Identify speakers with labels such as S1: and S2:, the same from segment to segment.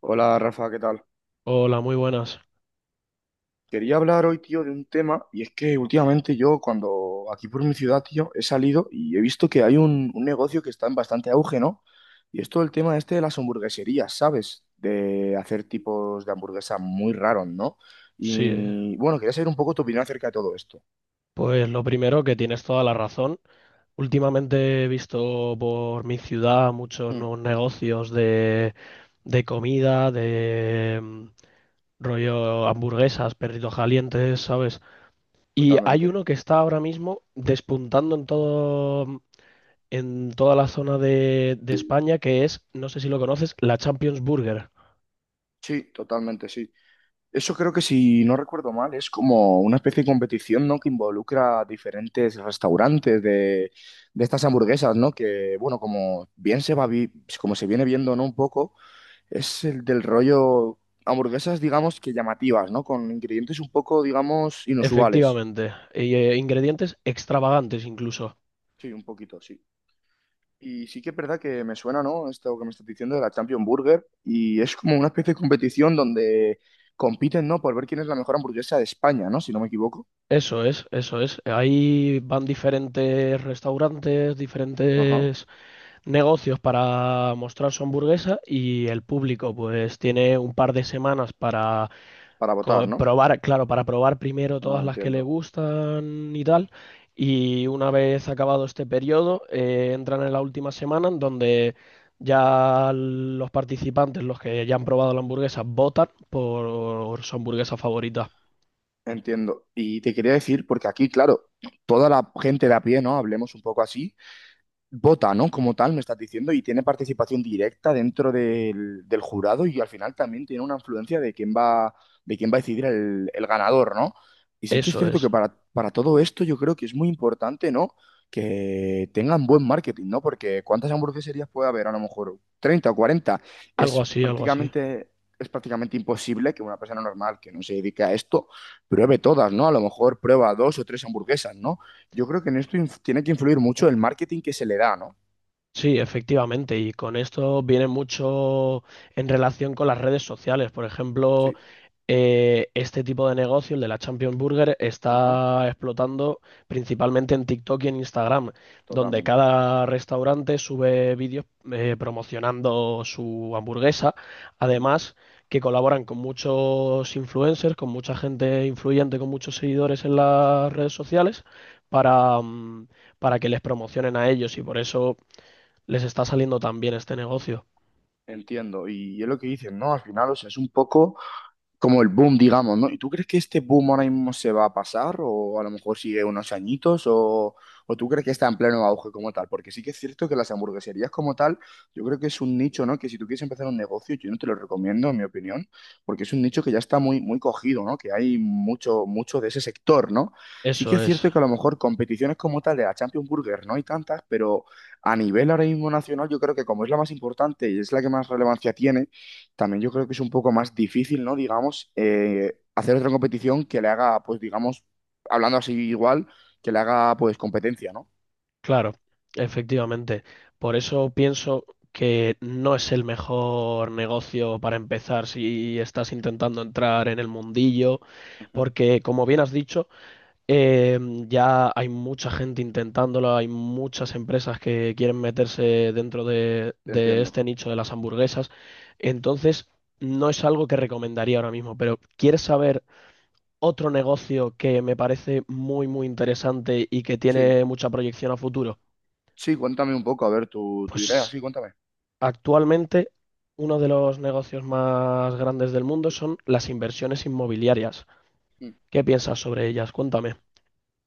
S1: Hola Rafa, ¿qué tal?
S2: Hola, muy buenas.
S1: Quería hablar hoy, tío, de un tema, y es que últimamente yo, cuando aquí por mi ciudad, tío, he salido y he visto que hay un negocio que está en bastante auge, ¿no? Y es todo el tema este de las hamburgueserías, ¿sabes? De hacer tipos de hamburguesa muy raros, ¿no?
S2: Sí,
S1: Y bueno, quería saber un poco tu opinión acerca de todo esto.
S2: pues lo primero que tienes toda la razón. Últimamente he visto por mi ciudad muchos
S1: Mm,
S2: nuevos negocios de comida, de rollo hamburguesas, perritos calientes, ¿sabes? Y hay
S1: totalmente.
S2: uno que está ahora mismo despuntando en en toda la zona de España, que es, no sé si lo conoces, la Champions Burger.
S1: Sí, totalmente, sí. Eso creo que si no recuerdo mal, es como una especie de competición, ¿no? Que involucra diferentes restaurantes de estas hamburguesas, ¿no? Que, bueno, como bien como se viene viendo, ¿no? Un poco, es el del rollo hamburguesas, digamos, que llamativas, ¿no? Con ingredientes un poco, digamos, inusuales.
S2: Efectivamente. Y, ingredientes extravagantes incluso.
S1: Sí, un poquito, sí. Y sí que es verdad que me suena, ¿no? Esto que me estás diciendo de la Champion Burger. Y es como una especie de competición donde compiten, ¿no? Por ver quién es la mejor hamburguesa de España, ¿no? Si no me equivoco.
S2: Eso es, eso es. Ahí van diferentes restaurantes,
S1: Ajá.
S2: diferentes negocios para mostrar su hamburguesa y el público pues tiene un par de semanas para
S1: Para votar, ¿no?
S2: probar, claro, para probar primero
S1: Ah,
S2: todas las que le
S1: entiendo,
S2: gustan y tal. Y una vez acabado este periodo, entran en la última semana en donde ya los participantes, los que ya han probado la hamburguesa, votan por su hamburguesa favorita.
S1: entiendo. Y te quería decir, porque aquí, claro, toda la gente de a pie, ¿no? Hablemos un poco así, vota, ¿no? Como tal, me estás diciendo, y tiene participación directa dentro del jurado y al final también tiene una influencia de quién va, a decidir el ganador, ¿no? Y sí que es
S2: Eso
S1: cierto
S2: es.
S1: que para todo esto yo creo que es muy importante, ¿no? Que tengan buen marketing, ¿no? Porque ¿cuántas hamburgueserías puede haber? A lo mejor 30 o 40.
S2: Algo
S1: Es
S2: así, algo así.
S1: prácticamente, es prácticamente imposible que una persona normal que no se dedique a esto pruebe todas, ¿no? A lo mejor prueba 2 o 3 hamburguesas, ¿no? Yo creo que en esto tiene que influir mucho el marketing que se le da, ¿no?
S2: Sí, efectivamente, y con esto viene mucho en relación con las redes sociales. Por ejemplo,
S1: Sí,
S2: este tipo de negocio, el de la Champions Burger,
S1: ajá,
S2: está explotando principalmente en TikTok y en Instagram, donde
S1: totalmente.
S2: cada restaurante sube vídeos promocionando su hamburguesa.
S1: Mm.
S2: Además, que colaboran con muchos influencers, con mucha gente influyente, con muchos seguidores en las redes sociales, para, mm, para que les promocionen a ellos y por eso les está saliendo tan bien este negocio.
S1: Entiendo. Y es lo que dicen, ¿no? Al final, o sea, es un poco como el boom, digamos, ¿no? ¿Y tú crees que este boom ahora mismo se va a pasar o a lo mejor sigue unos añitos o tú crees que está en pleno auge como tal? Porque sí que es cierto que las hamburgueserías como tal, yo creo que es un nicho, ¿no? Que si tú quieres empezar un negocio, yo no te lo recomiendo, en mi opinión, porque es un nicho que ya está muy, muy cogido, ¿no? Que hay mucho, mucho de ese sector, ¿no? Sí que
S2: Eso
S1: es
S2: es,
S1: cierto que a lo mejor competiciones como tal de la Champions Burger no hay tantas, pero a nivel ahora mismo nacional, yo creo que como es la más importante y es la que más relevancia tiene, también yo creo que es un poco más difícil, ¿no? Digamos, hacer otra competición que le haga, pues digamos, hablando así igual, que le haga pues competencia, ¿no?
S2: claro, efectivamente. Por eso pienso que no es el mejor negocio para empezar si estás intentando entrar en el mundillo,
S1: Ujú.
S2: porque como bien has dicho, eh, ya hay mucha gente intentándolo, hay muchas empresas que quieren meterse dentro de,
S1: Te
S2: de
S1: entiendo.
S2: este nicho de las hamburguesas, entonces no es algo que recomendaría ahora mismo, pero ¿quieres saber otro negocio que me parece muy, muy interesante y que
S1: Sí.
S2: tiene mucha proyección a futuro?
S1: Sí, cuéntame un poco, a ver tu, idea,
S2: Pues
S1: sí, cuéntame.
S2: actualmente uno de los negocios más grandes del mundo son las inversiones inmobiliarias. ¿Qué piensas sobre ellas? Cuéntame.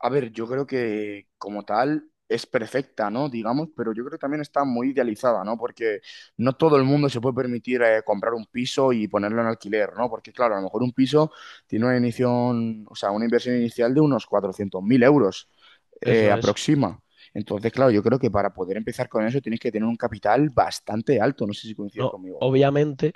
S1: A ver, yo creo que como tal es perfecta, ¿no? Digamos, pero yo creo que también está muy idealizada, ¿no? Porque no todo el mundo se puede permitir comprar un piso y ponerlo en alquiler, ¿no? Porque claro, a lo mejor un piso tiene una inición, o sea, una inversión inicial de unos 400.000 euros,
S2: Eso es.
S1: aproxima. Entonces, claro, yo creo que para poder empezar con eso tienes que tener un capital bastante alto. No sé si coincides
S2: No,
S1: conmigo.
S2: obviamente.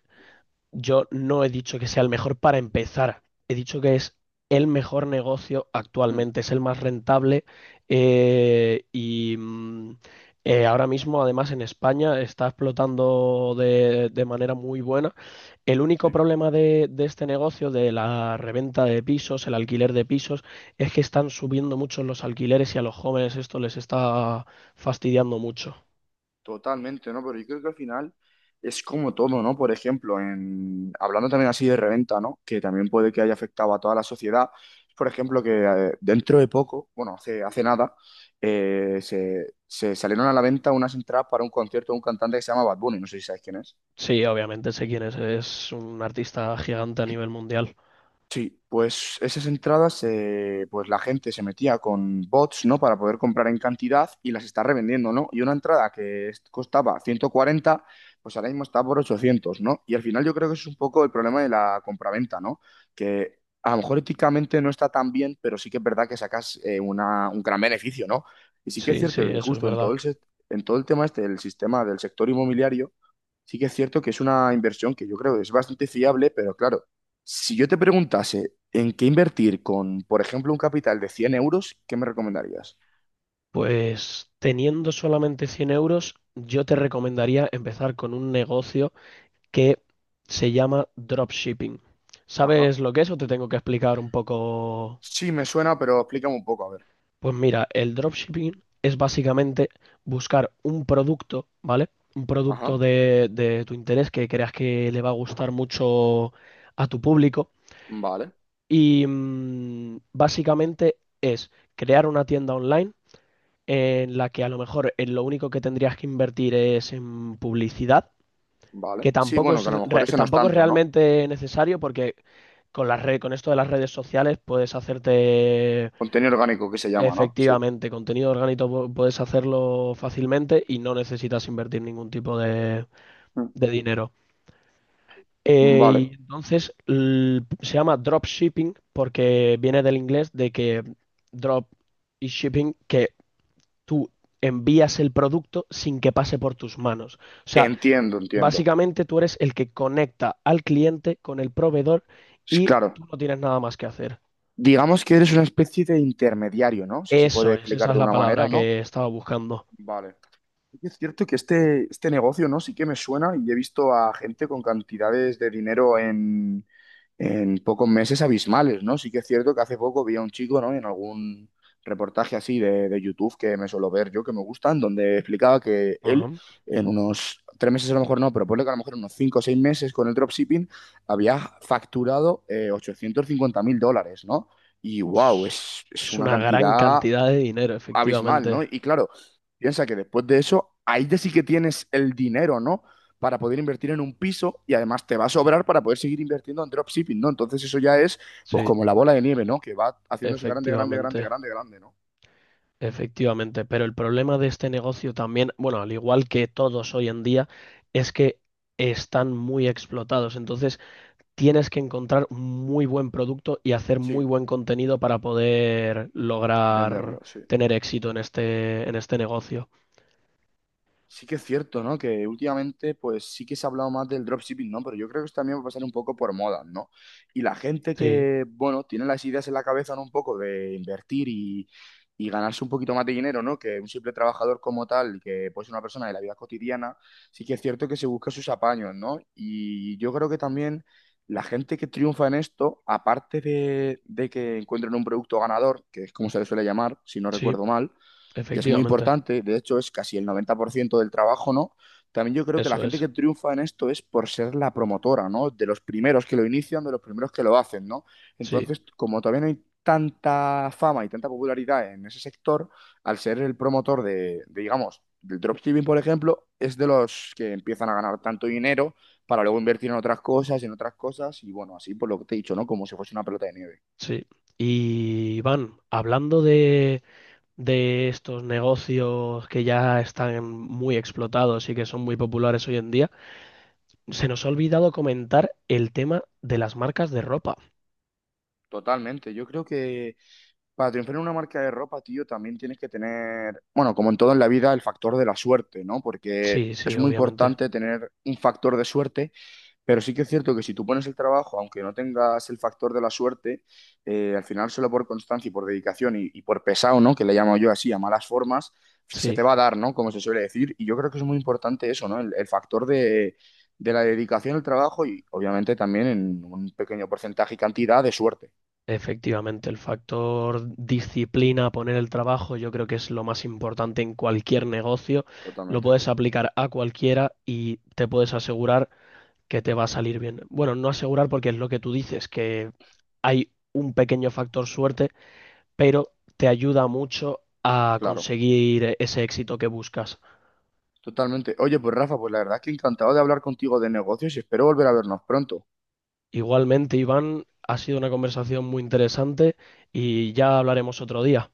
S2: Yo no he dicho que sea el mejor para empezar. He dicho que es el mejor negocio
S1: Mm,
S2: actualmente, es el más rentable eh, y mm, ahora mismo, además, en España está explotando de manera muy buena. El único
S1: sí.
S2: problema de este negocio, de la reventa de pisos, el alquiler de pisos, es que están subiendo mucho los alquileres y a los jóvenes esto les está fastidiando mucho.
S1: Totalmente, ¿no? Pero yo creo que al final es como todo, ¿no? Por ejemplo, hablando también así de reventa, ¿no? Que también puede que haya afectado a toda la sociedad. Por ejemplo, que dentro de poco, bueno, hace nada, se salieron a la venta unas entradas para un concierto de un cantante que se llama Bad Bunny, no sé si sabes quién es.
S2: Sí, obviamente sé quién es un artista gigante a nivel mundial.
S1: Sí, pues esas entradas, pues la gente se metía con bots, ¿no? Para poder comprar en cantidad y las está revendiendo, ¿no? Y una entrada que costaba 140, pues ahora mismo está por 800, ¿no? Y al final yo creo que eso es un poco el problema de la compraventa, ¿no? Que a lo mejor éticamente no está tan bien, pero sí que es verdad que sacas un gran beneficio, ¿no? Y sí que es
S2: Sí, sí,
S1: cierto que
S2: eso es
S1: justo en todo
S2: verdad.
S1: en todo el tema este del sistema del sector inmobiliario, sí que es cierto que es una inversión que yo creo que es bastante fiable, pero claro si yo te preguntase en qué invertir con, por ejemplo, un capital de 100 euros, ¿qué me recomendarías?
S2: Pues teniendo solamente 100 euros, yo te recomendaría empezar con un negocio que se llama dropshipping.
S1: Ajá,
S2: ¿Sabes lo que es o te tengo que explicar un poco?
S1: sí, me suena, pero explícame un poco, a ver.
S2: Pues mira, el dropshipping es básicamente buscar un producto, ¿vale? Un producto
S1: Ajá,
S2: de tu interés que creas que le va a gustar mucho a tu público.
S1: vale,
S2: Y básicamente es crear una tienda online en la que a lo mejor en lo único que tendrías que invertir es en publicidad,
S1: vale,
S2: que
S1: sí,
S2: tampoco
S1: bueno,
S2: es,
S1: que a lo mejor ese no es
S2: tampoco es
S1: tanto, ¿no?
S2: realmente necesario porque con las con esto de las redes sociales puedes hacerte
S1: Contenido orgánico que se llama, ¿no? Sí.
S2: efectivamente contenido orgánico, puedes hacerlo fácilmente y no necesitas invertir ningún tipo de dinero.
S1: Mm,
S2: Eh,
S1: vale,
S2: y entonces se llama dropshipping porque viene del inglés de que drop y shipping, que tú envías el producto sin que pase por tus manos. O sea,
S1: entiendo, entiendo.
S2: básicamente tú eres el que conecta al cliente con el proveedor
S1: Sí,
S2: y
S1: claro,
S2: tú no tienes nada más que hacer.
S1: digamos que eres una especie de intermediario, ¿no? Si se puede
S2: Eso es, esa
S1: explicar
S2: es
S1: de
S2: la
S1: una
S2: palabra
S1: manera, ¿no?
S2: que estaba buscando.
S1: Vale, y es cierto que este negocio, ¿no? Sí que me suena y he visto a gente con cantidades de dinero en pocos meses abismales, ¿no? Sí que es cierto que hace poco vi a un chico, ¿no? En algún reportaje así de YouTube que me suelo ver yo, que me gustan, donde explicaba que él
S2: Ajá.
S1: en unos 3 meses a lo mejor no, pero ponle que a lo mejor en unos 5 o 6 meses con el dropshipping había facturado 850.000 dólares, ¿no? Y wow,
S2: Es
S1: es
S2: es
S1: una
S2: una gran
S1: cantidad
S2: cantidad de dinero,
S1: abismal,
S2: efectivamente.
S1: ¿no? Y claro, piensa que después de eso, ahí ya sí que tienes el dinero, ¿no? Para poder invertir en un piso y además te va a sobrar para poder seguir invirtiendo en dropshipping, ¿no? Entonces eso ya es pues
S2: Sí,
S1: como la bola de nieve, ¿no? Que va haciéndose grande, grande, grande,
S2: efectivamente.
S1: grande, grande, ¿no?
S2: Efectivamente, pero el problema de este negocio también, bueno, al igual que todos hoy en día, es que están muy explotados. Entonces, tienes que encontrar un muy buen producto y hacer muy
S1: Sí,
S2: buen contenido para poder lograr
S1: venderlo, sí.
S2: tener éxito en este negocio.
S1: Sí que es cierto, ¿no? Que últimamente, pues sí que se ha hablado más del dropshipping, ¿no? Pero yo creo que eso también va a pasar un poco por moda, ¿no? Y la gente
S2: Sí,
S1: que, bueno, tiene las ideas en la cabeza, ¿no? Un poco de invertir y ganarse un poquito más de dinero, ¿no? Que un simple trabajador como tal, que puede ser una persona de la vida cotidiana, sí que es cierto que se busca sus apaños, ¿no? Y yo creo que también la gente que triunfa en esto, aparte de, que encuentren un producto ganador, que es como se le suele llamar, si no
S2: sí,
S1: recuerdo mal, que es muy
S2: efectivamente.
S1: importante, de hecho es casi el 90% del trabajo, ¿no? También yo creo que la
S2: Eso
S1: gente
S2: es.
S1: que triunfa en esto es por ser la promotora, ¿no? De los primeros que lo inician, de los primeros que lo hacen, ¿no?
S2: Sí,
S1: Entonces, como todavía no hay tanta fama y tanta popularidad en ese sector, al ser el promotor de, digamos, del dropshipping, por ejemplo, es de los que empiezan a ganar tanto dinero para luego invertir en otras cosas, y bueno, así por lo que te he dicho, ¿no? Como si fuese una pelota de nieve.
S2: sí. Y Iván, hablando de estos negocios que ya están muy explotados y que son muy populares hoy en día, se nos ha olvidado comentar el tema de las marcas de ropa.
S1: Totalmente, yo creo que para triunfar en una marca de ropa, tío, también tienes que tener, bueno, como en todo en la vida, el factor de la suerte, ¿no? Porque
S2: Sí,
S1: es
S2: sí,
S1: muy
S2: obviamente.
S1: importante tener un factor de suerte, pero sí que es cierto que si tú pones el trabajo, aunque no tengas el factor de la suerte, al final solo por constancia y por dedicación y por pesado, ¿no? Que le llamo yo así, a malas formas, se te
S2: Sí.
S1: va a dar, ¿no? Como se suele decir. Y yo creo que es muy importante eso, ¿no? El factor de la dedicación al trabajo y obviamente también en un pequeño porcentaje y cantidad de suerte.
S2: Efectivamente, el factor disciplina, poner el trabajo, yo creo que es lo más importante en cualquier
S1: Sí,
S2: negocio. Lo
S1: totalmente,
S2: puedes aplicar a cualquiera y te puedes asegurar que te va a salir bien. Bueno, no asegurar porque es lo que tú dices, que hay un pequeño factor suerte, pero te ayuda mucho a
S1: claro.
S2: conseguir ese éxito que buscas.
S1: Totalmente. Oye, pues Rafa, pues la verdad es que encantado de hablar contigo de negocios y espero volver a vernos pronto.
S2: Igualmente, Iván, ha sido una conversación muy interesante y ya hablaremos otro día.